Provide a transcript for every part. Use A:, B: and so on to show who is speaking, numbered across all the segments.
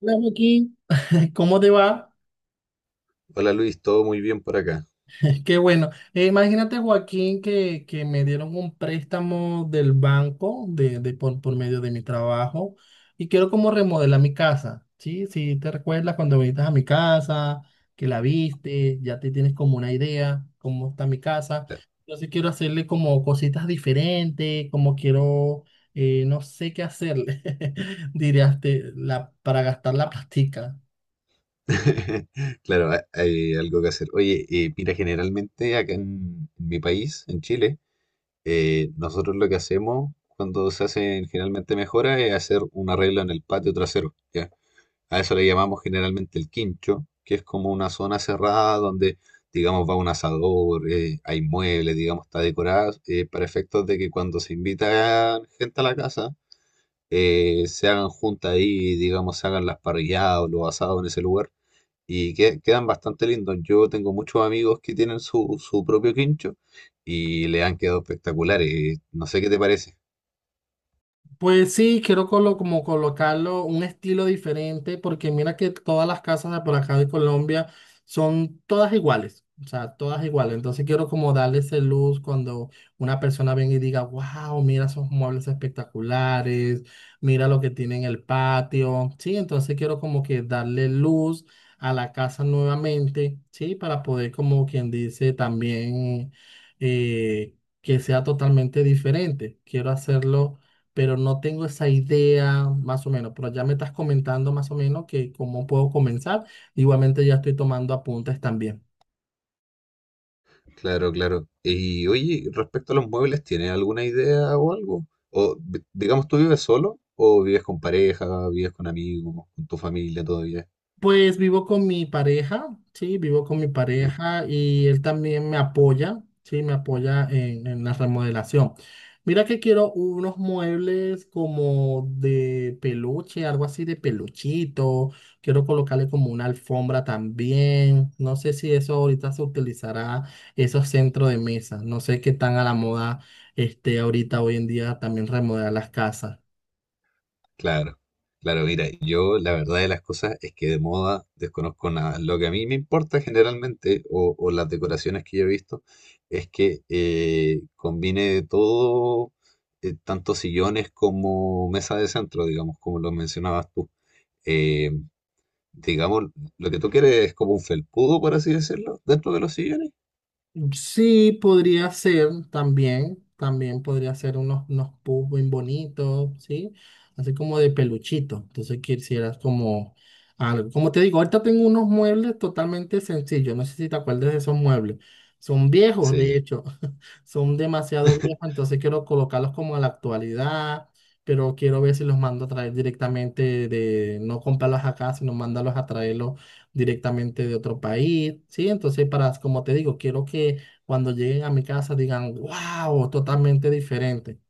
A: Hola Joaquín, ¿cómo te va?
B: Hola Luis, todo muy bien por acá.
A: Qué bueno. Imagínate Joaquín que me dieron un préstamo del banco de por medio de mi trabajo y quiero como remodelar mi casa, ¿sí? Si te recuerdas cuando viniste a mi casa, que la viste, ya te tienes como una idea cómo está mi casa.
B: Claro.
A: Entonces quiero hacerle como cositas diferentes, como quiero, no sé qué hacerle, dirías, para gastar la plastica.
B: Claro, hay algo que hacer. Oye, mira, generalmente acá en mi país, en Chile, nosotros lo que hacemos cuando se hacen generalmente mejoras es hacer un arreglo en el patio trasero, ¿ya? A eso le llamamos generalmente el quincho, que es como una zona cerrada donde, digamos, va un asador, hay muebles, digamos, está decorada, para efectos de que cuando se invita gente a la casa, se hagan juntas ahí, digamos, se hagan las parrilladas o los asados en ese lugar. Quedan bastante lindos. Yo tengo muchos amigos que tienen su propio quincho y le han quedado espectaculares. No sé qué te parece.
A: Pues sí, quiero como colocarlo un estilo diferente, porque mira que todas las casas de por acá de Colombia son todas iguales, o sea, todas iguales. Entonces quiero como darle ese luz cuando una persona venga y diga, wow, mira esos muebles espectaculares, mira lo que tiene en el patio. Sí, entonces quiero como que darle luz a la casa nuevamente, sí, para poder como quien dice también eh, que sea totalmente diferente. Quiero hacerlo, pero no tengo esa idea más o menos, pero ya me estás comentando más o menos que cómo puedo comenzar. Igualmente ya estoy tomando apuntes también.
B: Claro, claro. Y oye, respecto a los muebles, ¿tienes alguna idea o algo? Digamos, ¿tú vives solo o vives con pareja, vives con amigos, con tu familia todavía?
A: Pues vivo con mi pareja, sí, vivo con mi pareja y él también me apoya, sí, me apoya en la remodelación. Mira que quiero unos muebles como de peluche, algo así de peluchito. Quiero colocarle como una alfombra también. No sé si eso ahorita se utilizará, esos centros de mesa. No sé qué tan a la moda este ahorita hoy en día también remodelar las casas.
B: Claro, claro, mira, yo la verdad de las cosas es que de moda desconozco nada. Lo que a mí me importa generalmente, o las decoraciones que yo he visto, es que combine todo, tanto sillones como mesa de centro, digamos, como lo mencionabas tú. Eh, digamos, lo que tú quieres es como un felpudo, por así decirlo, dentro de los sillones.
A: Sí, podría ser también, también podría ser unos pubs bien bonitos, ¿sí? Así como de peluchito. Entonces quisieras como algo. Como te digo, ahorita tengo unos muebles totalmente sencillos. No sé si te acuerdas de esos muebles. Son viejos,
B: Sí,
A: de
B: sí,
A: hecho. Son demasiado viejos. Entonces quiero colocarlos como a la actualidad. Pero quiero ver si los mando a traer directamente de, no comprarlos acá, sino mandarlos a traerlos directamente de otro país, ¿sí? Entonces, para, como te digo, quiero que cuando lleguen a mi casa digan, wow, totalmente diferente.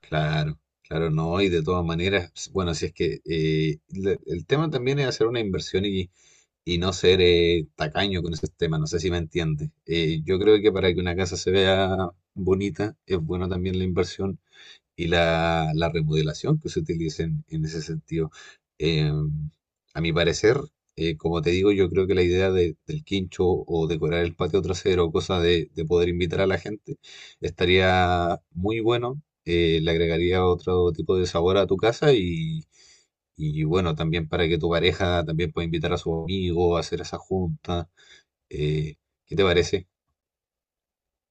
B: claro, claro, no, y de todas maneras, bueno, si es que el tema también es hacer una inversión y no ser tacaño con esos temas. No sé si me entiendes. Yo creo que para que una casa se vea bonita es bueno también la inversión y la remodelación que se utilice en ese sentido. Eh, a mi parecer, como te digo, yo creo que la idea del quincho o decorar el patio trasero, cosa de poder invitar a la gente, estaría muy bueno. Le agregaría otro tipo de sabor a tu casa y bueno, también para que tu pareja también pueda invitar a su amigo a hacer esa junta. Eh, ¿Qué te parece?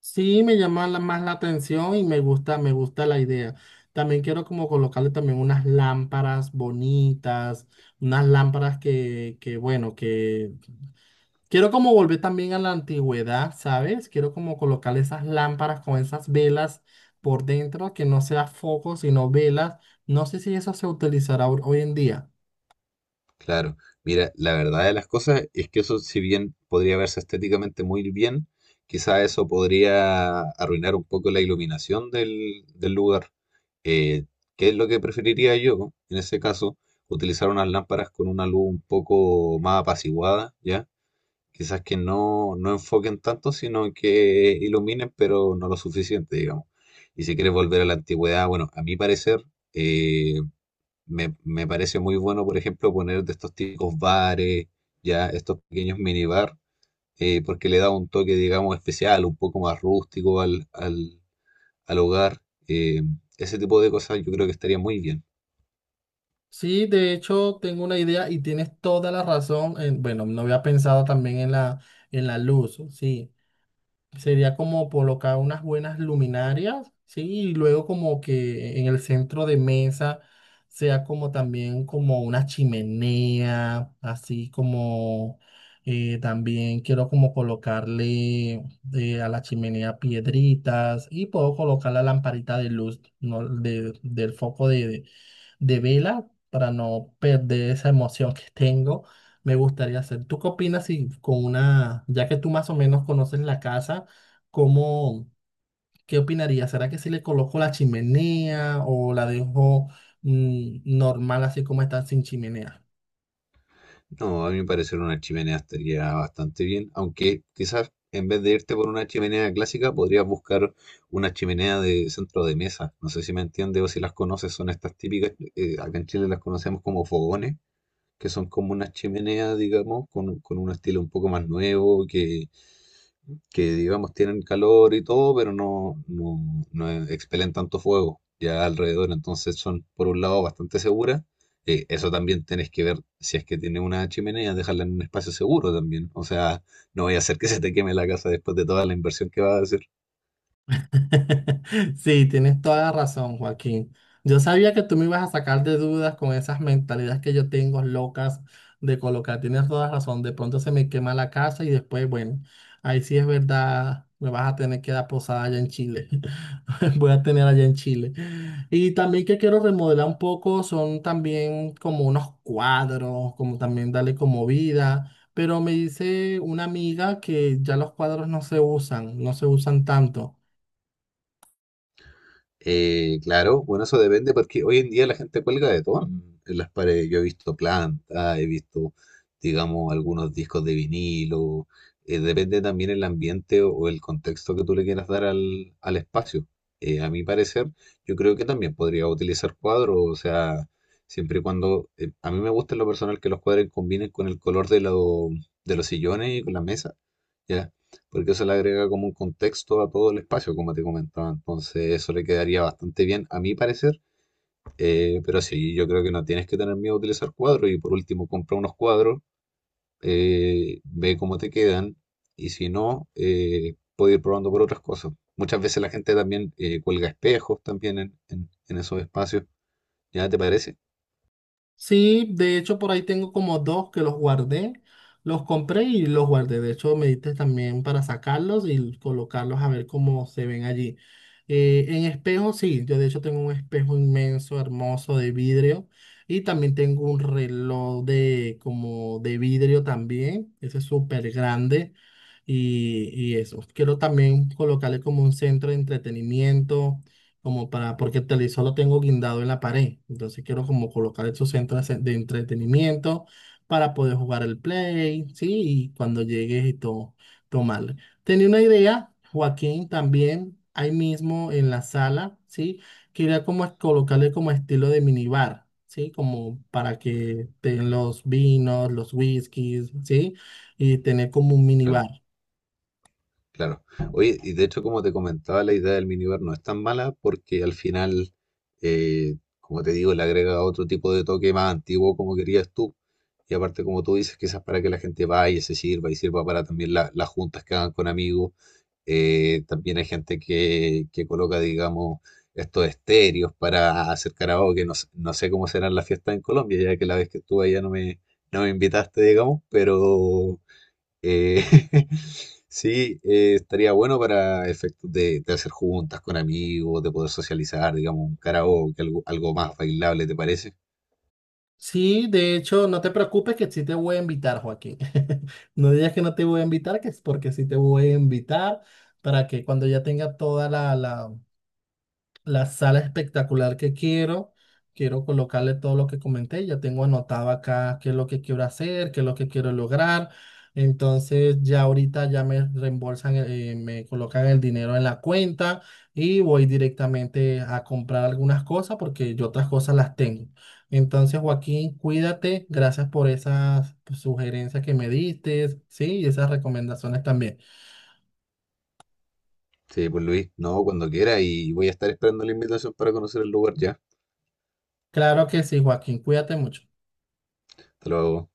A: Sí, me llama la- más la atención y me gusta la idea. También quiero como colocarle también unas lámparas bonitas, unas lámparas que bueno, que quiero como volver también a la antigüedad, ¿sabes? Quiero como colocarle esas lámparas con esas velas por dentro, que no sea foco, sino velas. No sé si eso se utilizará hoy en día.
B: Claro. Mira, la verdad de las cosas es que eso, si bien podría verse estéticamente muy bien, quizá eso podría arruinar un poco la iluminación del, del lugar. Eh, ¿Qué es lo que preferiría yo en ese caso? Utilizar unas lámparas con una luz un poco más apaciguada, ¿ya? Quizás que no, no enfoquen tanto, sino que iluminen, pero no lo suficiente, digamos. Y si quieres volver a la antigüedad, bueno, a mi parecer, eh, me parece muy bueno, por ejemplo, poner de estos típicos bares, ya estos pequeños minibar, porque le da un toque, digamos, especial, un poco más rústico al hogar. Eh, ese tipo de cosas yo creo que estaría muy bien.
A: Sí, de hecho tengo una idea y tienes toda la razón. En- bueno, no había pensado también en la luz, sí. Sería como colocar unas buenas luminarias, sí, y luego como que en el centro de mesa sea como también como una chimenea, así como también quiero como colocarle a la chimenea piedritas y puedo colocar la lamparita de luz, ¿no? Del foco de vela para no perder esa emoción que tengo. Me gustaría hacer. ¿Tú qué opinas si con una, ya que tú más o menos conoces la casa, cómo, qué opinarías? ¿Será que si le coloco la chimenea o la dejo normal así como está sin chimenea?
B: No, a mí me parece una chimenea estaría bastante bien, aunque quizás en vez de irte por una chimenea clásica, podrías buscar una chimenea de centro de mesa. No sé si me entiendes o si las conoces, son estas típicas, acá en Chile las conocemos como fogones, que son como una chimenea, digamos, con un estilo un poco más nuevo, que digamos tienen calor y todo, pero no, no expelen tanto fuego ya alrededor, entonces son por un lado bastante seguras. Eso también tenés que ver si es que tiene una chimenea, dejarla en un espacio seguro también. O sea, no voy a hacer que se te queme la casa después de toda la inversión que vas a hacer.
A: Sí, tienes toda la razón, Joaquín. Yo sabía que tú me ibas a sacar de dudas con esas mentalidades que yo tengo locas de colocar. Tienes toda la razón. De pronto se me quema la casa y después, bueno, ahí sí es verdad, me vas a tener que dar posada allá en Chile. Voy a tener allá en Chile. Y también que quiero remodelar un poco son también como unos cuadros, como también darle como vida. Pero me dice una amiga que ya los cuadros no se usan, no se usan tanto.
B: Claro, bueno, eso depende porque hoy en día la gente cuelga de todo en las paredes. Yo he visto plantas, he visto, digamos, algunos discos de vinilo. Depende también el ambiente o el contexto que tú le quieras dar al espacio. A mi parecer, yo creo que también podría utilizar cuadros, o sea, siempre y cuando, a mí me gusta en lo personal que los cuadros combinen con el color de, de los sillones y con la mesa. ¿Ya? Porque eso le agrega como un contexto a todo el espacio, como te comentaba. Entonces, eso le quedaría bastante bien, a mi parecer. Pero sí, yo creo que no tienes que tener miedo a utilizar cuadros. Y por último, compra unos cuadros, ve cómo te quedan. Y si no, puedes ir probando por otras cosas. Muchas veces la gente también cuelga espejos también en, en esos espacios. ¿Ya te parece?
A: Sí, de hecho por ahí tengo como dos que los guardé, los compré y los guardé. De hecho me diste también para sacarlos y colocarlos a ver cómo se ven allí. En espejo, sí, yo de hecho tengo un espejo inmenso, hermoso de vidrio, y también tengo un reloj de como de vidrio también, ese es súper grande y eso. Quiero también colocarle como un centro de entretenimiento como para, porque el televisor lo tengo guindado en la pared, entonces quiero como colocar esos centros de entretenimiento para poder jugar el play, ¿sí? Y cuando llegues y todo, tomarle. Tenía una idea, Joaquín, también ahí mismo en la sala, ¿sí? Quería como colocarle como estilo de minibar, ¿sí? Como para que tengan los vinos, los whiskies, ¿sí? Y tener como un
B: Claro.
A: minibar.
B: Claro. Oye, y de hecho, como te comentaba, la idea del minibar no es tan mala porque al final, como te digo, le agrega otro tipo de toque más antiguo como querías tú. Y aparte, como tú dices, quizás para que la gente vaya, se sirva y sirva para también las juntas que hagan con amigos. También hay gente que coloca, digamos, estos estéreos para hacer karaoke. No sé cómo serán las fiestas en Colombia, ya que la vez que estuve allá no me, no me invitaste, digamos, pero... Eh, sí, estaría bueno para efectos de hacer juntas con amigos, de poder socializar, digamos, un karaoke, algo, algo más bailable, ¿te parece?
A: Sí, de hecho, no te preocupes que sí te voy a invitar, Joaquín. No digas que no te voy a invitar, que es porque sí te voy a invitar para que cuando ya tenga toda la sala espectacular que quiero. Quiero colocarle todo lo que comenté. Ya tengo anotado acá qué es lo que quiero hacer, qué es lo que quiero lograr. Entonces ya ahorita ya me reembolsan, me colocan el dinero en la cuenta y voy directamente a comprar algunas cosas porque yo otras cosas las tengo. Entonces, Joaquín, cuídate. Gracias por esas sugerencias que me diste, sí, y esas recomendaciones también.
B: Sí, pues Luis, no, cuando quiera y voy a estar esperando la invitación para conocer el lugar ya.
A: Claro que sí, Joaquín, cuídate mucho.
B: Hasta luego.